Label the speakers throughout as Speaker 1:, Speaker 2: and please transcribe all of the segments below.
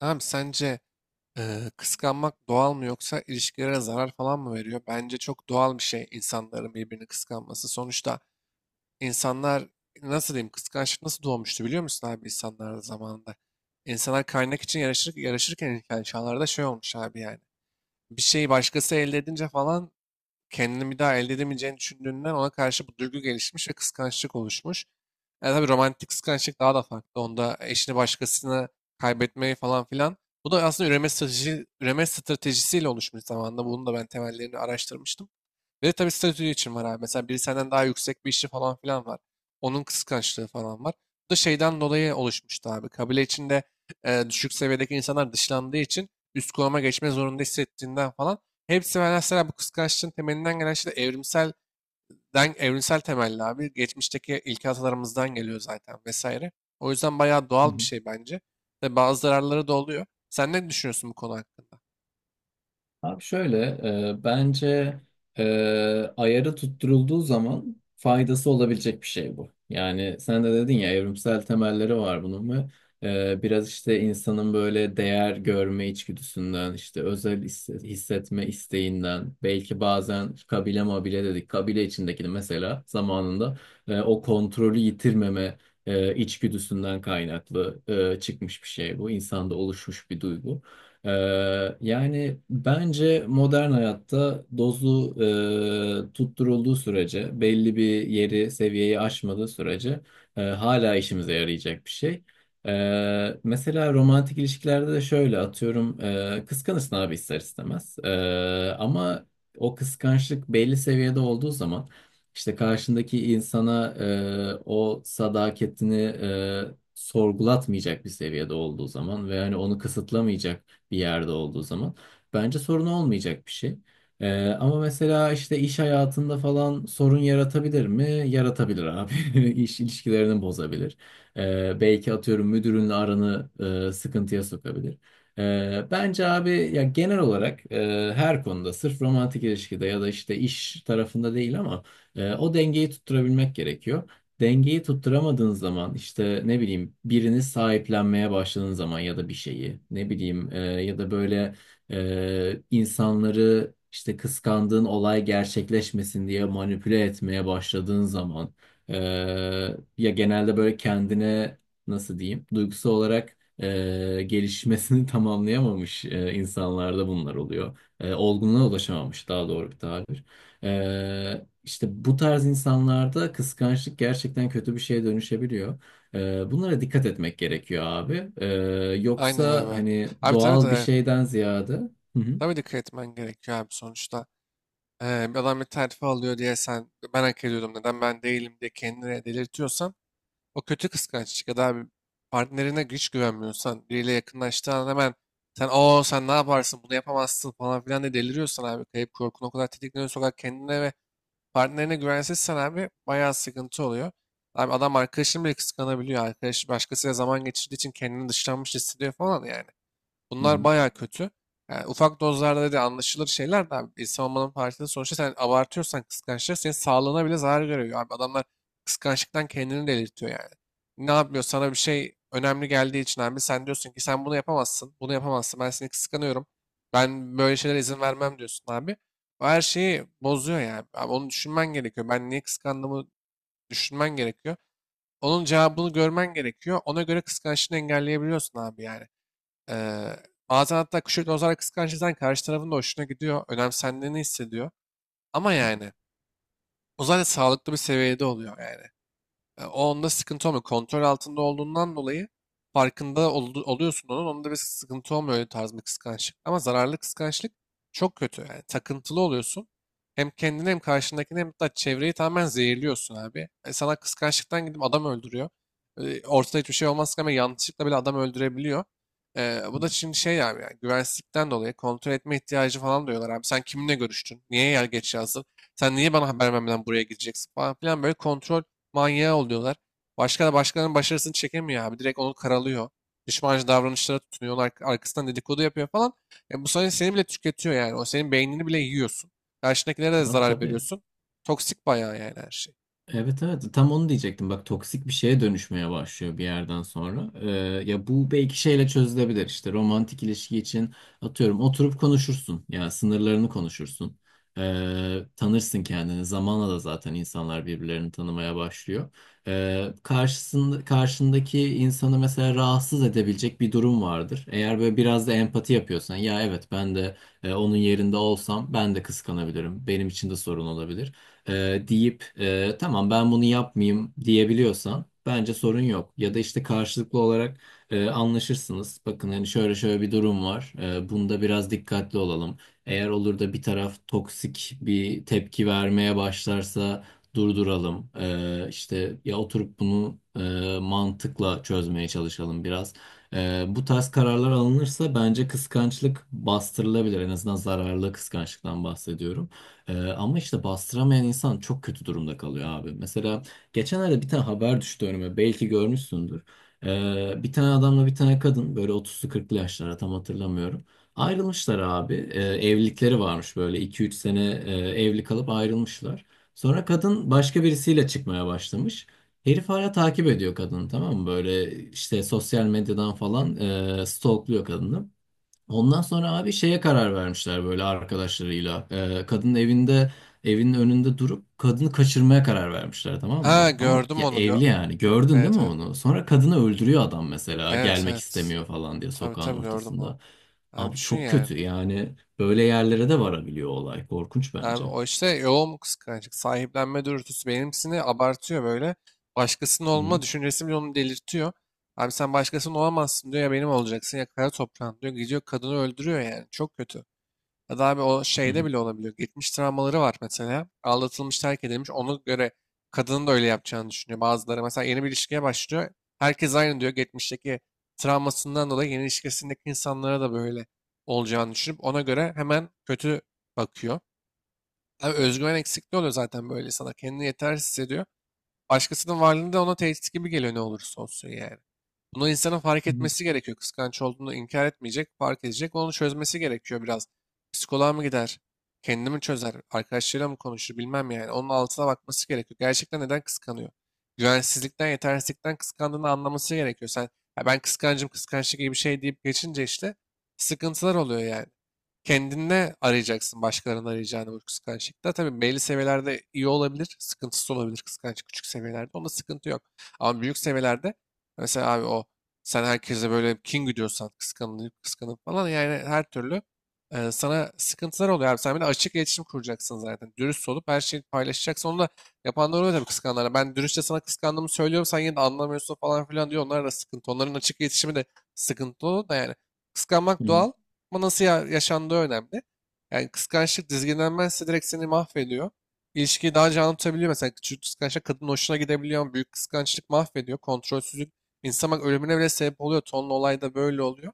Speaker 1: Tamam sence kıskanmak doğal mı yoksa ilişkilere zarar falan mı veriyor? Bence çok doğal bir şey insanların birbirini kıskanması. Sonuçta insanlar nasıl diyeyim kıskançlık nasıl doğmuştu biliyor musun abi insanlar zamanında? İnsanlar kaynak için yarışır, yarışırken ilkel çağlarda şey olmuş abi yani. Bir şeyi başkası elde edince falan kendini bir daha elde edemeyeceğini düşündüğünden ona karşı bu duygu gelişmiş ve kıskançlık oluşmuş. Yani tabii romantik kıskançlık daha da farklı. Onda eşini başkasına kaybetmeyi falan filan. Bu da aslında üreme stratejisiyle oluşmuş zamanında. Bunun da ben temellerini araştırmıştım. Ve tabii statü için var abi. Mesela biri senden daha yüksek bir işi falan filan var. Onun kıskançlığı falan var. Bu da şeyden dolayı oluşmuştu abi. Kabile içinde düşük seviyedeki insanlar dışlandığı için üst konuma geçme zorunda hissettiğinden falan. Hepsi mesela bu kıskançlığın temelinden gelen şey de evrimsel temelli abi. Geçmişteki ilkel atalarımızdan geliyor zaten vesaire. O yüzden bayağı
Speaker 2: Hı
Speaker 1: doğal bir
Speaker 2: hı.
Speaker 1: şey bence. Ve bazı zararları da oluyor. Sen ne düşünüyorsun bu konu hakkında?
Speaker 2: Abi şöyle bence e, ayarı tutturulduğu zaman faydası olabilecek bir şey bu. Yani sen de dedin ya evrimsel temelleri var bunun ve biraz işte insanın böyle değer görme içgüdüsünden işte özel hissetme isteğinden belki bazen kabile mabile dedik kabile içindekini mesela zamanında o kontrolü yitirmeme içgüdüsünden kaynaklı çıkmış bir şey bu insanda oluşmuş bir duygu. Yani bence modern hayatta dozu tutturulduğu sürece, belli bir yeri, seviyeyi aşmadığı sürece hala işimize yarayacak bir şey. Mesela romantik ilişkilerde de şöyle atıyorum, kıskanırsın abi ister istemez. Ama o kıskançlık belli seviyede olduğu zaman işte karşındaki insana o sadakatini sorgulatmayacak bir seviyede olduğu zaman ve hani onu kısıtlamayacak bir yerde olduğu zaman bence sorun olmayacak bir şey. Ama mesela işte iş hayatında falan sorun yaratabilir mi? Yaratabilir abi. İş ilişkilerini bozabilir. Belki atıyorum müdürünle aranı sıkıntıya sokabilir. Bence abi ya genel olarak her konuda sırf romantik ilişkide ya da işte iş tarafında değil ama o dengeyi tutturabilmek gerekiyor, dengeyi tutturamadığın zaman işte ne bileyim birini sahiplenmeye başladığın zaman ya da bir şeyi ne bileyim ya da böyle insanları işte kıskandığın olay gerçekleşmesin diye manipüle etmeye başladığın zaman e, ya genelde böyle kendine nasıl diyeyim duygusal olarak gelişmesini tamamlayamamış insanlarda bunlar oluyor. Olgunluğa ulaşamamış daha doğru bir tabir. İşte bu tarz insanlarda kıskançlık gerçekten kötü bir şeye dönüşebiliyor. Bunlara dikkat etmek gerekiyor abi.
Speaker 1: Aynen
Speaker 2: Yoksa
Speaker 1: abi.
Speaker 2: hani
Speaker 1: Abi tabii
Speaker 2: doğal bir
Speaker 1: tabii,
Speaker 2: şeyden ziyade... Hı hı.
Speaker 1: tabii dikkat etmen gerekiyor abi sonuçta. Bir adam bir terfi alıyor diye sen ben hak ediyordum neden ben değilim diye kendine delirtiyorsan o kötü kıskançlık ya da bir partnerine hiç güvenmiyorsan biriyle yakınlaştığın an hemen sen ne yaparsın bunu yapamazsın falan filan diye deliriyorsan abi kayıp korkun o kadar tetikleniyor sokak kendine ve partnerine güvensizsen abi bayağı sıkıntı oluyor. Abi adam arkadaşını bile kıskanabiliyor. Arkadaş başkasıyla zaman geçirdiği için kendini dışlanmış hissediyor falan yani.
Speaker 2: Hı
Speaker 1: Bunlar
Speaker 2: hı.
Speaker 1: baya kötü. Yani ufak dozlarda da anlaşılır şeyler de abi. İnsan olmanın parçası sonuçta sen abartıyorsan kıskançlık senin sağlığına bile zarar görüyor. Abi adamlar kıskançlıktan kendini delirtiyor yani. Ne yapıyor sana bir şey önemli geldiği için abi sen diyorsun ki sen bunu yapamazsın, bunu yapamazsın. Ben seni kıskanıyorum. Ben böyle şeylere izin vermem diyorsun abi. Bu her şeyi bozuyor yani. Abi onu düşünmen gerekiyor. Ben niye kıskandığımı düşünmen gerekiyor. Onun cevabını görmen gerekiyor. Ona göre kıskançlığını engelleyebiliyorsun abi yani. Eee, Bazen hatta küçük dozlarda kıskanç insan karşı tarafın da hoşuna gidiyor. Önemsendiğini hissediyor. Ama yani o zaten sağlıklı bir seviyede oluyor yani. O onda sıkıntı olmuyor. Kontrol altında olduğundan dolayı oluyorsun onun. Onda bir sıkıntı olmuyor öyle tarz bir kıskançlık. Ama zararlı kıskançlık çok kötü. Yani takıntılı oluyorsun. Hem kendini hem karşındakini hem de çevreyi tamamen zehirliyorsun abi. Sana kıskançlıktan gidip adam öldürüyor. Ortada hiçbir şey olmazken ama yanlışlıkla bile adam öldürebiliyor. Bu da şimdi şey abi yani güvensizlikten dolayı kontrol etme ihtiyacı falan diyorlar abi. Sen kiminle görüştün? Niye yer geç yazdın? Sen niye bana haber vermeden buraya gideceksin falan filan böyle kontrol manyağı oluyorlar. Başkalarının başarısını çekemiyor abi. Direkt onu karalıyor. Düşmancı davranışlara tutunuyor. Arkasından dedikodu yapıyor falan. E bu sayede seni bile tüketiyor yani. O senin beynini bile yiyorsun. Karşındakilere de
Speaker 2: Tabii,
Speaker 1: zarar
Speaker 2: tabii.
Speaker 1: veriyorsun. Toksik bayağı yani her şey.
Speaker 2: Evet, evet, tam onu diyecektim bak, toksik bir şeye dönüşmeye başlıyor bir yerden sonra. Ya bu belki şeyle çözülebilir, işte romantik ilişki için atıyorum oturup konuşursun, ya sınırlarını konuşursun. Tanırsın kendini zamanla da, zaten insanlar birbirlerini tanımaya başlıyor, karşındaki insanı mesela rahatsız edebilecek bir durum vardır, eğer böyle biraz da empati yapıyorsan, ya evet ben de onun yerinde olsam ben de kıskanabilirim, benim için de sorun olabilir deyip tamam ben bunu yapmayayım diyebiliyorsan bence sorun yok. Ya da işte karşılıklı olarak anlaşırsınız. Bakın hani şöyle şöyle bir durum var. Bunda biraz dikkatli olalım. Eğer olur da bir taraf toksik bir tepki vermeye başlarsa durduralım. İşte ya oturup bunu mantıkla çözmeye çalışalım biraz. Bu tarz kararlar alınırsa bence kıskançlık bastırılabilir. En azından zararlı kıskançlıktan bahsediyorum. Ama işte bastıramayan insan çok kötü durumda kalıyor abi. Mesela geçenlerde bir tane haber düştü önüme. Belki görmüşsündür. Bir tane adamla bir tane kadın, böyle 30'lu 40'lı yaşlara, tam hatırlamıyorum. Ayrılmışlar abi. Evlilikleri varmış, böyle 2-3 sene evli kalıp ayrılmışlar. Sonra kadın başka birisiyle çıkmaya başlamış. Herif hala takip ediyor kadını, tamam mı? Böyle işte sosyal medyadan falan stalkluyor kadını. Ondan sonra abi şeye karar vermişler böyle arkadaşlarıyla. Kadının evinin önünde durup kadını kaçırmaya karar vermişler, tamam
Speaker 1: Ha
Speaker 2: mı? Ama
Speaker 1: gördüm
Speaker 2: ya
Speaker 1: onu.
Speaker 2: evli, yani gördün değil
Speaker 1: Evet,
Speaker 2: mi
Speaker 1: evet.
Speaker 2: onu? Sonra kadını öldürüyor adam, mesela
Speaker 1: Evet,
Speaker 2: gelmek
Speaker 1: evet.
Speaker 2: istemiyor falan diye,
Speaker 1: Tabii,
Speaker 2: sokağın
Speaker 1: tabii, gördüm onu.
Speaker 2: ortasında.
Speaker 1: Abi
Speaker 2: Abi
Speaker 1: düşün
Speaker 2: çok
Speaker 1: yani.
Speaker 2: kötü, yani böyle yerlere de varabiliyor olay, korkunç
Speaker 1: Abi
Speaker 2: bence.
Speaker 1: o işte yoğun kıskançlık, sahiplenme dürtüsü benimsini abartıyor böyle. Başkasının
Speaker 2: Hı hı.
Speaker 1: olma düşüncesi bile onu delirtiyor. Abi sen başkasının olamazsın diyor ya benim olacaksın ya kara toprağın diyor. Gidiyor kadını öldürüyor yani çok kötü. Ya da abi o
Speaker 2: Hı
Speaker 1: şeyde
Speaker 2: hı.
Speaker 1: bile olabiliyor. Geçmiş travmaları var mesela. Aldatılmış, terk edilmiş. Ona göre kadının da öyle yapacağını düşünüyor. Bazıları mesela yeni bir ilişkiye başlıyor. Herkes aynı diyor. Geçmişteki travmasından dolayı yeni ilişkisindeki insanlara da böyle olacağını düşünüp ona göre hemen kötü bakıyor. Abi özgüven eksikliği oluyor zaten böyle sana. Kendini yetersiz hissediyor. Başkasının varlığında da ona tehdit gibi geliyor ne olursa olsun yani. Bunu insanın fark
Speaker 2: Hı
Speaker 1: etmesi gerekiyor. Kıskanç olduğunu inkar etmeyecek, fark edecek. Onu çözmesi gerekiyor biraz. Psikoloğa mı gider? Kendini mi çözer? Arkadaşlarıyla mı konuşur? Bilmem yani. Onun altına bakması gerekiyor. Gerçekten neden kıskanıyor? Güvensizlikten, yetersizlikten kıskandığını anlaması gerekiyor. Sen "Ya ben kıskancım, kıskançlık gibi bir şey deyip geçince işte sıkıntılar oluyor yani kendinde arayacaksın başkalarının arayacağını bu kıskançlıkta. Tabii belli seviyelerde iyi olabilir, sıkıntısı olabilir kıskançlık küçük seviyelerde. Onda sıkıntı yok. Ama büyük seviyelerde mesela abi o sen herkese böyle kin güdüyorsan kıskanıp kıskanıp falan yani her türlü sana sıkıntılar oluyor abi. Sen bir de açık iletişim kuracaksın zaten. Dürüst olup her şeyi paylaşacaksın. Onu da yapanlar oluyor tabii kıskananlara. Ben dürüstçe sana kıskandığımı söylüyorum. Sen yine de anlamıyorsun falan filan diyor. Onlar da sıkıntı. Onların açık iletişimi de sıkıntılı da yani. Kıskanmak
Speaker 2: hı.
Speaker 1: doğal. Ama yaşandığı önemli. Yani kıskançlık dizginlenmezse direkt seni mahvediyor. İlişkiyi daha canlı tutabiliyor. Mesela küçük kıskançlık kadının hoşuna gidebiliyor ama büyük kıskançlık mahvediyor. Kontrolsüzlük insan bak ölümüne bile sebep oluyor. Tonlu olayda böyle oluyor.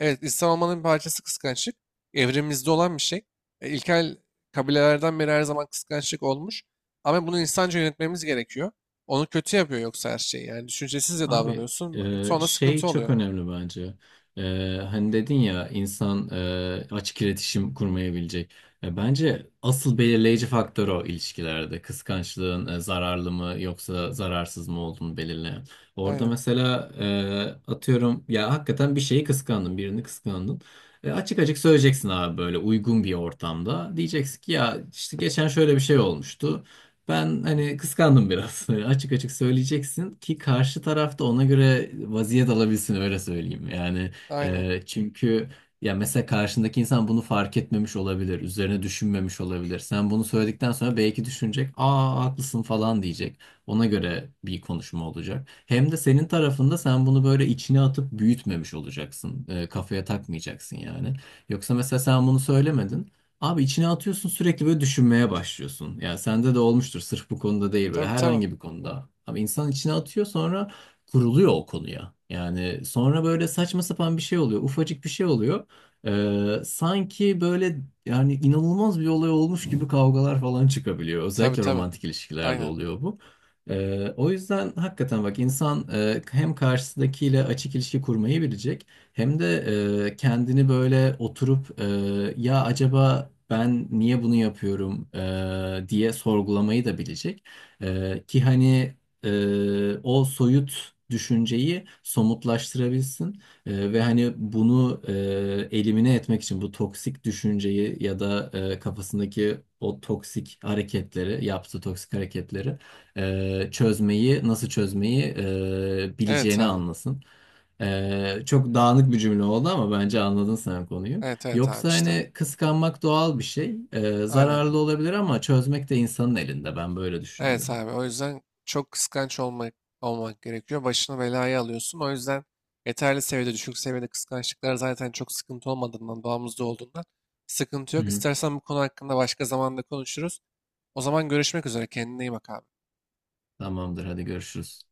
Speaker 1: Evet insan olmanın bir parçası kıskançlık. Evrimimizde olan bir şey. İlkel kabilelerden beri her zaman kıskançlık olmuş. Ama bunu insanca yönetmemiz gerekiyor. Onu kötü yapıyor yoksa her şeyi. Yani düşüncesizce
Speaker 2: Abi
Speaker 1: davranıyorsun. Sonra
Speaker 2: şey
Speaker 1: sıkıntı
Speaker 2: çok
Speaker 1: oluyor.
Speaker 2: önemli bence. E, Hani dedin ya insan açık iletişim kurmayabilecek.
Speaker 1: Hı,
Speaker 2: Bence asıl belirleyici faktör o ilişkilerde. Kıskançlığın zararlı mı yoksa zararsız mı olduğunu belirleyen. Orada
Speaker 1: aynen.
Speaker 2: mesela atıyorum ya, hakikaten bir şeyi kıskandın, birini kıskandın. Açık açık söyleyeceksin abi böyle uygun bir ortamda. Diyeceksin ki ya işte geçen şöyle bir şey olmuştu. Ben hani kıskandım biraz. Hani açık açık söyleyeceksin ki karşı tarafta ona göre vaziyet alabilsin, öyle söyleyeyim. Yani
Speaker 1: Aynen.
Speaker 2: çünkü ya mesela karşındaki insan bunu fark etmemiş olabilir, üzerine düşünmemiş olabilir. Sen bunu söyledikten sonra belki düşünecek, "Aa haklısın" falan diyecek. Ona göre bir konuşma olacak. Hem de senin tarafında sen bunu böyle içine atıp büyütmemiş olacaksın. Kafaya takmayacaksın yani. Yoksa mesela sen bunu söylemedin. Abi içine atıyorsun, sürekli böyle düşünmeye başlıyorsun. Yani sende de olmuştur sırf bu konuda değil, böyle
Speaker 1: Tabii, tabii.
Speaker 2: herhangi bir konuda. Abi insan içine atıyor, sonra kuruluyor o konuya. Yani sonra böyle saçma sapan bir şey oluyor. Ufacık bir şey oluyor. Sanki böyle yani inanılmaz bir olay olmuş gibi kavgalar falan çıkabiliyor.
Speaker 1: Tabii,
Speaker 2: Özellikle
Speaker 1: tabii.
Speaker 2: romantik ilişkilerde
Speaker 1: Aynen.
Speaker 2: oluyor bu. O yüzden hakikaten bak, insan hem karşısındakiyle açık ilişki kurmayı bilecek. Hem de kendini böyle oturup ya acaba ben niye bunu yapıyorum diye sorgulamayı da bilecek. Ki hani o soyut düşünceyi somutlaştırabilsin. Ve hani bunu elimine etmek için bu toksik düşünceyi ya da kafasındaki o toksik hareketleri, yaptığı toksik hareketleri nasıl çözmeyi
Speaker 1: Evet
Speaker 2: bileceğini
Speaker 1: abi.
Speaker 2: anlasın. Çok dağınık bir cümle oldu ama bence anladın sen konuyu.
Speaker 1: Evet, evet abi
Speaker 2: Yoksa
Speaker 1: işte.
Speaker 2: hani kıskanmak doğal bir şey. Zararlı
Speaker 1: Aynen.
Speaker 2: olabilir ama çözmek de insanın elinde. Ben böyle
Speaker 1: Evet
Speaker 2: düşünüyorum.
Speaker 1: abi. O yüzden çok kıskanç olmak gerekiyor. Başına belayı alıyorsun. O yüzden yeterli seviyede, düşük seviyede kıskançlıklar zaten çok sıkıntı olmadığından, doğamızda olduğundan sıkıntı
Speaker 2: Hı
Speaker 1: yok.
Speaker 2: hı.
Speaker 1: İstersen bu konu hakkında başka zamanda konuşuruz. O zaman görüşmek üzere. Kendine iyi bak abi.
Speaker 2: Tamamdır, hadi görüşürüz.